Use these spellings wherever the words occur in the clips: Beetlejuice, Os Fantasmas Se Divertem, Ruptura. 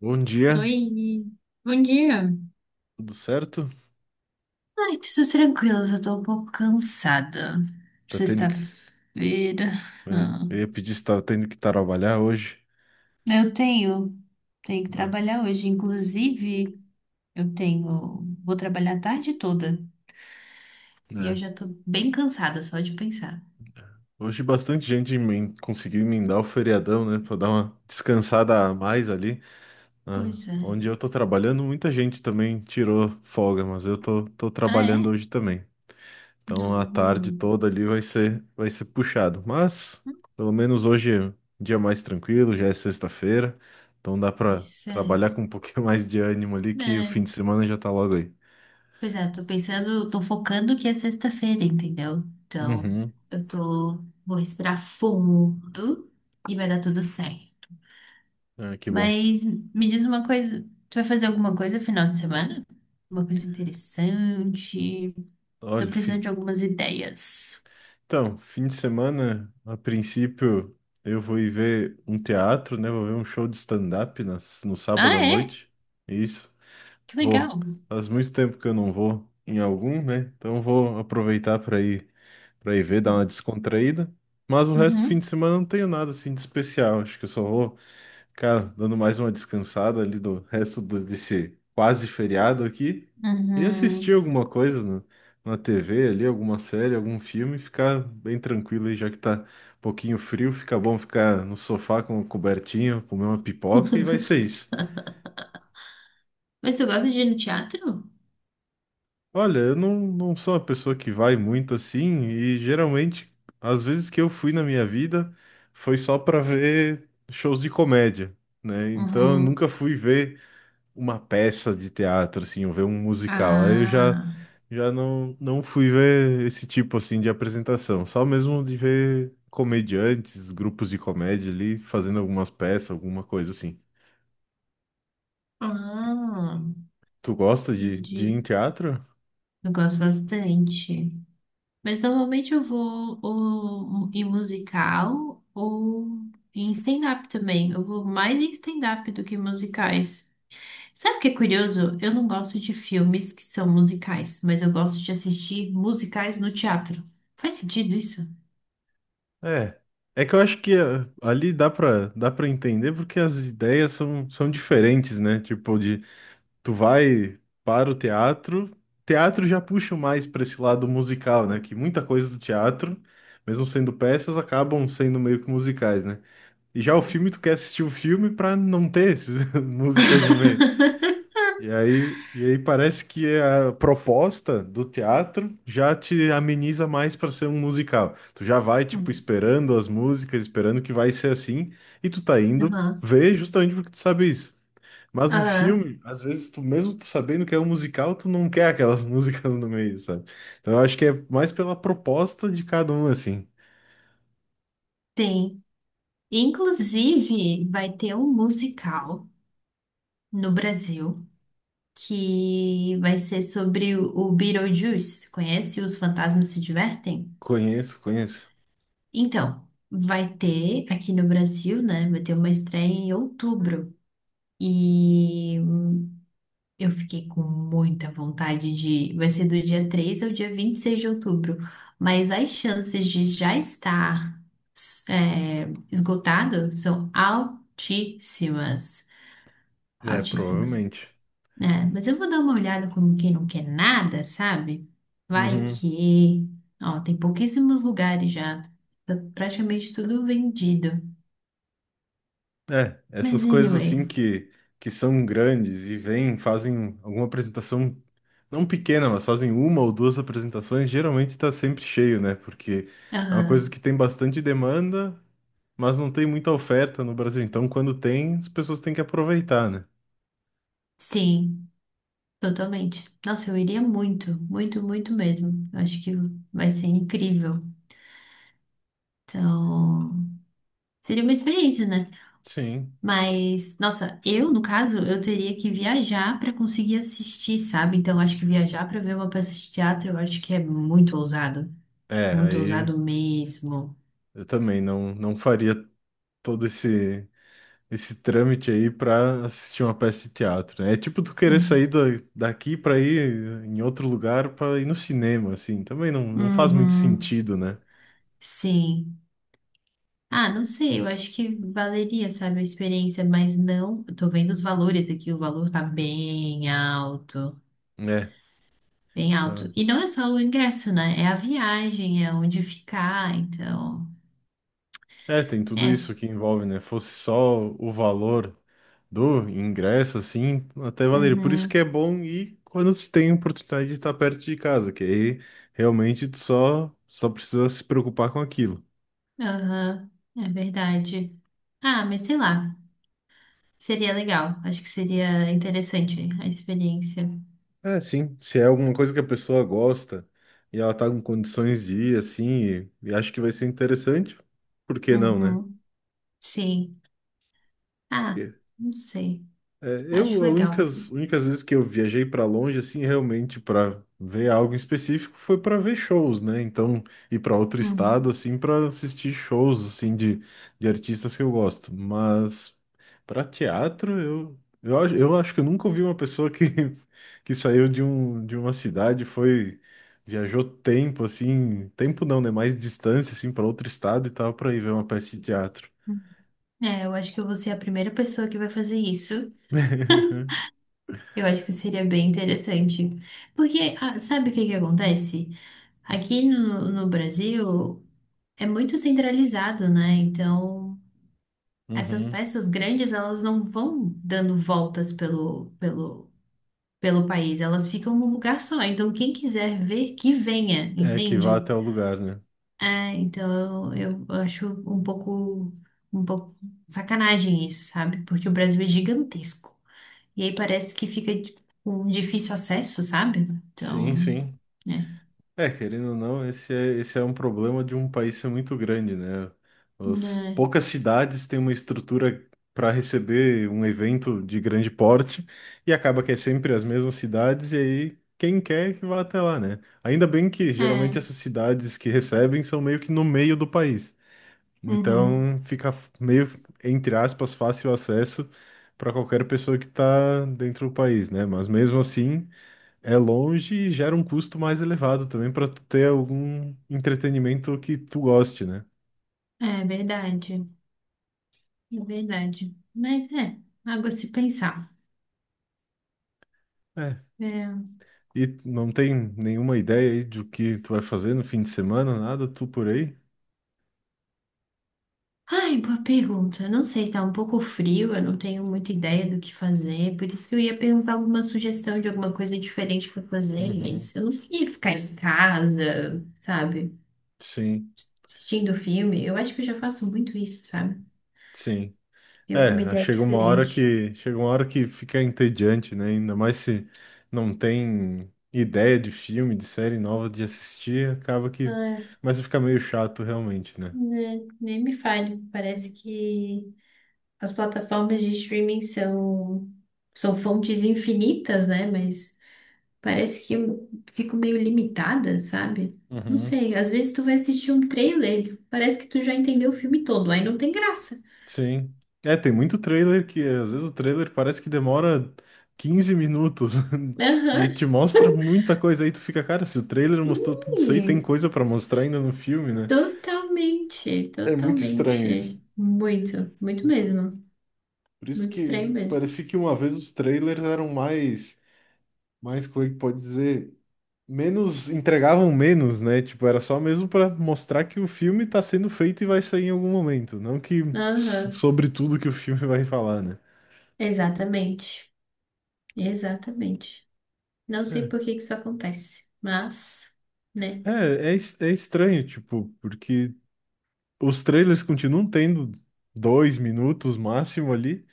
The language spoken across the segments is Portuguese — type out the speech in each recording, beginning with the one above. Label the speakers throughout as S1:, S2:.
S1: Bom dia,
S2: Oi, bom dia.
S1: tudo certo?
S2: Ai, tudo tranquilo, já tô um pouco cansada.
S1: Tá tendo que.
S2: Sexta-feira.
S1: É,
S2: Ah,
S1: eu ia pedir se tava tendo que trabalhar hoje.
S2: eu tenho, tenho que
S1: Ah,
S2: trabalhar hoje. Inclusive, vou trabalhar a tarde toda. E eu
S1: é.
S2: já tô bem cansada só de pensar.
S1: Hoje bastante gente conseguiu emendar o feriadão, né? Pra dar uma descansada a mais ali. Ah,
S2: Pois é.
S1: onde eu tô trabalhando, muita gente também tirou folga, mas eu tô
S2: Ah, é?
S1: trabalhando hoje também. Então
S2: Não,
S1: a tarde
S2: não.
S1: toda ali vai ser puxado. Mas pelo menos hoje é um dia mais tranquilo, já é sexta-feira. Então dá pra
S2: Pois é.
S1: trabalhar com um pouquinho mais de ânimo ali, que o fim
S2: É.
S1: de semana já tá logo aí.
S2: Pois é, tô focando que é sexta-feira, entendeu? Então,
S1: Uhum.
S2: vou respirar fundo e vai dar tudo certo.
S1: Ah, que bom.
S2: Mas me diz uma coisa, tu vai fazer alguma coisa no final de semana? Uma coisa interessante? Tô
S1: Olha,
S2: precisando de algumas ideias.
S1: então, fim de semana, a princípio, eu vou ir ver um teatro, né? Vou ver um show de stand-up no sábado
S2: Ah,
S1: à
S2: é?
S1: noite. Isso,
S2: Que
S1: vou.
S2: legal.
S1: Faz muito tempo que eu não vou em algum, né? Então vou aproveitar para ir ver, dar uma descontraída. Mas o resto do fim
S2: Uhum,
S1: de semana eu não tenho nada assim de especial. Acho que eu só vou. Cara, dando mais uma descansada ali do desse quase feriado aqui e
S2: uhum.
S1: assistir alguma coisa na TV ali, alguma série, algum filme, e ficar bem tranquilo aí, já que tá um pouquinho frio, fica bom ficar no sofá com uma cobertinha, comer uma pipoca e vai ser isso.
S2: Mas tu gosta de ir no teatro?
S1: Olha, eu não sou uma pessoa que vai muito assim e geralmente, às vezes que eu fui na minha vida, foi só pra ver shows de comédia, né? Então eu
S2: Uhum.
S1: nunca fui ver uma peça de teatro, assim, ou ver um musical. Aí
S2: Ah,
S1: já não fui ver esse tipo, assim, de apresentação. Só mesmo de ver comediantes, grupos de comédia ali, fazendo algumas peças, alguma coisa assim.
S2: ah,
S1: Tu gosta de ir
S2: entendi.
S1: em teatro?
S2: Eu gosto bastante. Mas normalmente eu vou ou em musical ou em stand-up também. Eu vou mais em stand-up do que em musicais. Sabe o que é curioso? Eu não gosto de filmes que são musicais, mas eu gosto de assistir musicais no teatro. Faz sentido isso?
S1: É. É que eu acho que ah, ali dá pra entender porque as ideias são diferentes, né? Tipo, de tu vai para o teatro, teatro já puxa mais para esse lado musical, né? Que muita coisa do teatro, mesmo sendo peças, acabam sendo meio que musicais, né? E já o filme, tu quer assistir o filme para não ter essas músicas no meio. E aí parece que a proposta do teatro já te ameniza mais para ser um musical. Tu já vai, tipo,
S2: Hum.
S1: esperando as músicas, esperando que vai ser assim, e tu tá indo
S2: Aham,
S1: ver justamente porque tu sabe isso. Mas um
S2: aham,
S1: filme, às vezes, tu mesmo tu sabendo que é um musical, tu não quer aquelas músicas no meio, sabe? Então eu acho que é mais pela proposta de cada um, assim.
S2: tem. Inclusive, vai ter um musical no Brasil que vai ser sobre o Beetlejuice. Conhece Os Fantasmas Se Divertem?
S1: Conheço, conheço.
S2: Então, vai ter aqui no Brasil, né? Vai ter uma estreia em outubro. E eu fiquei com muita vontade de. Vai ser do dia 3 ao dia 26 de outubro. Mas as chances de já estar é, esgotado são altíssimas.
S1: É,
S2: Altíssimas,
S1: provavelmente.
S2: né? Mas eu vou dar uma olhada como quem não quer nada, sabe? Vai
S1: Uhum.
S2: que. Ó, tem pouquíssimos lugares já. Tá praticamente tudo vendido.
S1: É,
S2: Mas
S1: essas coisas
S2: anyway,
S1: assim que são grandes e vêm, fazem alguma apresentação, não pequena, mas fazem uma ou duas apresentações, geralmente tá sempre cheio, né? Porque é uma coisa
S2: aham,
S1: que tem bastante demanda, mas não tem muita oferta no Brasil. Então, quando tem, as pessoas têm que aproveitar, né?
S2: sim, totalmente. Nossa, eu iria muito, muito, muito mesmo. Eu acho que vai ser incrível. Então, seria uma experiência, né?
S1: Sim.
S2: Mas, nossa, no caso, eu teria que viajar para conseguir assistir, sabe? Então, acho que viajar para ver uma peça de teatro, eu acho que é muito ousado.
S1: É,
S2: Muito
S1: aí
S2: ousado mesmo.
S1: eu também não faria todo esse trâmite aí pra assistir uma peça de teatro, né? É tipo tu querer sair
S2: Uhum.
S1: daqui pra ir em outro lugar pra ir no cinema, assim. Também não faz muito
S2: Uhum,
S1: sentido, né?
S2: sim. Ah, não sei, eu acho que valeria, sabe, a experiência, mas não, eu tô vendo os valores aqui, o valor tá bem alto,
S1: É,
S2: bem
S1: tá.
S2: alto. E não é só o ingresso, né? É a viagem, é onde ficar, então.
S1: É, tem tudo
S2: É,
S1: isso que envolve, né? Fosse só o valor do ingresso, assim, até valeria. Por isso que
S2: uhum,
S1: é bom ir quando se tem a oportunidade de estar perto de casa, que aí realmente só precisa se preocupar com aquilo.
S2: aham, é verdade. Ah, mas sei lá, seria legal, acho que seria interessante a experiência.
S1: É, sim. Se é alguma coisa que a pessoa gosta e ela tá com condições de ir, assim, e acho que vai ser interessante, por que não, né?
S2: Uhum, sim. Ah, não sei,
S1: É, eu,
S2: acho
S1: as
S2: legal.
S1: únicas vezes que eu viajei para longe, assim, realmente para ver algo em específico, foi para ver shows, né? Então, ir para outro estado,
S2: Uhum.
S1: assim, para assistir shows, assim, de artistas que eu gosto. Mas para teatro, eu acho que eu nunca ouvi uma pessoa que, que saiu de, um, de uma cidade, foi, viajou tempo, assim, tempo não, né? Mais distância, assim, para outro estado e tal, para ir ver uma peça de teatro.
S2: É, eu acho que eu vou ser a primeira pessoa que vai fazer isso. Eu acho que seria bem interessante. Porque, ah, sabe o que que acontece? Aqui no Brasil é muito centralizado, né? Então, essas
S1: Uhum.
S2: peças grandes, elas não vão dando voltas pelo país, elas ficam num lugar só. Então, quem quiser ver, que venha,
S1: É, que vá
S2: entende?
S1: até o lugar, né?
S2: É, então, eu acho um pouco sacanagem isso, sabe? Porque o Brasil é gigantesco. E aí parece que fica tipo, com difícil acesso, sabe?
S1: Sim,
S2: Então,
S1: sim.
S2: é.
S1: É, querendo ou não, esse é um problema de um país ser muito grande, né? As poucas cidades têm uma estrutura para receber um evento de grande porte e acaba que é sempre as mesmas cidades, e aí quem quer que vá até lá, né? Ainda bem que
S2: É,
S1: geralmente
S2: é,
S1: essas cidades que recebem são meio que no meio do país.
S2: uhum,
S1: Então fica meio, entre aspas, fácil acesso para qualquer pessoa que está dentro do país, né? Mas mesmo assim. É longe e gera um custo mais elevado também para tu ter algum entretenimento que tu goste, né?
S2: é verdade, é verdade. Mas é, algo a se pensar.
S1: É.
S2: É.
S1: E não tem nenhuma ideia aí do que tu vai fazer no fim de semana, nada, tu por aí?
S2: Ai, boa pergunta. Não sei, tá um pouco frio, eu não tenho muita ideia do que fazer, por isso que eu ia perguntar alguma sugestão de alguma coisa diferente pra fazer,
S1: Uhum.
S2: mas eu não ia ficar em casa, sabe?
S1: Sim,
S2: Assistindo filme. Eu acho que eu já faço muito isso, sabe?
S1: sim.
S2: Ter alguma
S1: É,
S2: ideia diferente.
S1: chega uma hora que fica entediante, né? Ainda mais se não tem ideia de filme, de série nova de assistir, acaba que
S2: Ah.
S1: começa a ficar meio chato realmente, né?
S2: Né, nem me fale. Parece que as plataformas de streaming são fontes infinitas, né? Mas parece que eu fico meio limitada, sabe? Não
S1: Uhum.
S2: sei, às vezes tu vai assistir um trailer, parece que tu já entendeu o filme todo, aí não tem graça.
S1: Sim. É, tem muito trailer que às vezes o trailer parece que demora 15 minutos e
S2: Aham.
S1: te mostra muita coisa aí, tu fica, cara, se o trailer mostrou tudo isso aí, tem
S2: Ih.
S1: coisa pra mostrar ainda no filme, né?
S2: Totalmente,
S1: É muito estranho isso.
S2: totalmente. Muito, muito mesmo.
S1: Por isso
S2: Muito estranho
S1: que
S2: mesmo.
S1: parecia que uma vez os trailers eram mais como é que pode dizer, menos, entregavam menos, né? Tipo, era só mesmo pra mostrar que o filme tá sendo feito e vai sair em algum momento, não que
S2: Aham.
S1: sobre tudo que o filme vai falar, né?
S2: Exatamente. Exatamente. Não sei
S1: É,
S2: por que que isso acontece, mas, né?
S1: É estranho, tipo, porque os trailers continuam tendo 2 minutos máximo ali,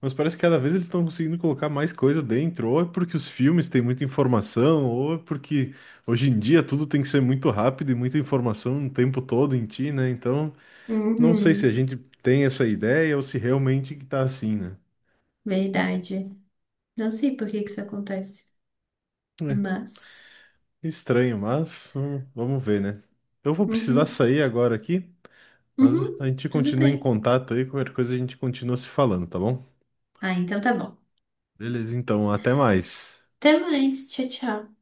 S1: mas parece que cada vez eles estão conseguindo colocar mais coisa dentro, ou é porque os filmes têm muita informação, ou é porque hoje em dia tudo tem que ser muito rápido e muita informação o tempo todo em ti, né? Então, não sei se a
S2: Uhum.
S1: gente tem essa ideia ou se realmente que tá assim, né?
S2: Verdade. Não sei por que que isso acontece,
S1: É,
S2: mas.
S1: estranho, mas vamos ver, né? Eu vou precisar
S2: Uhum.
S1: sair agora aqui. Mas a
S2: Uhum.
S1: gente
S2: Tudo
S1: continua em
S2: bem.
S1: contato aí, qualquer coisa a gente continua se falando, tá bom?
S2: Ah, então tá bom.
S1: Beleza, então, até mais.
S2: Até mais. Tchau, tchau.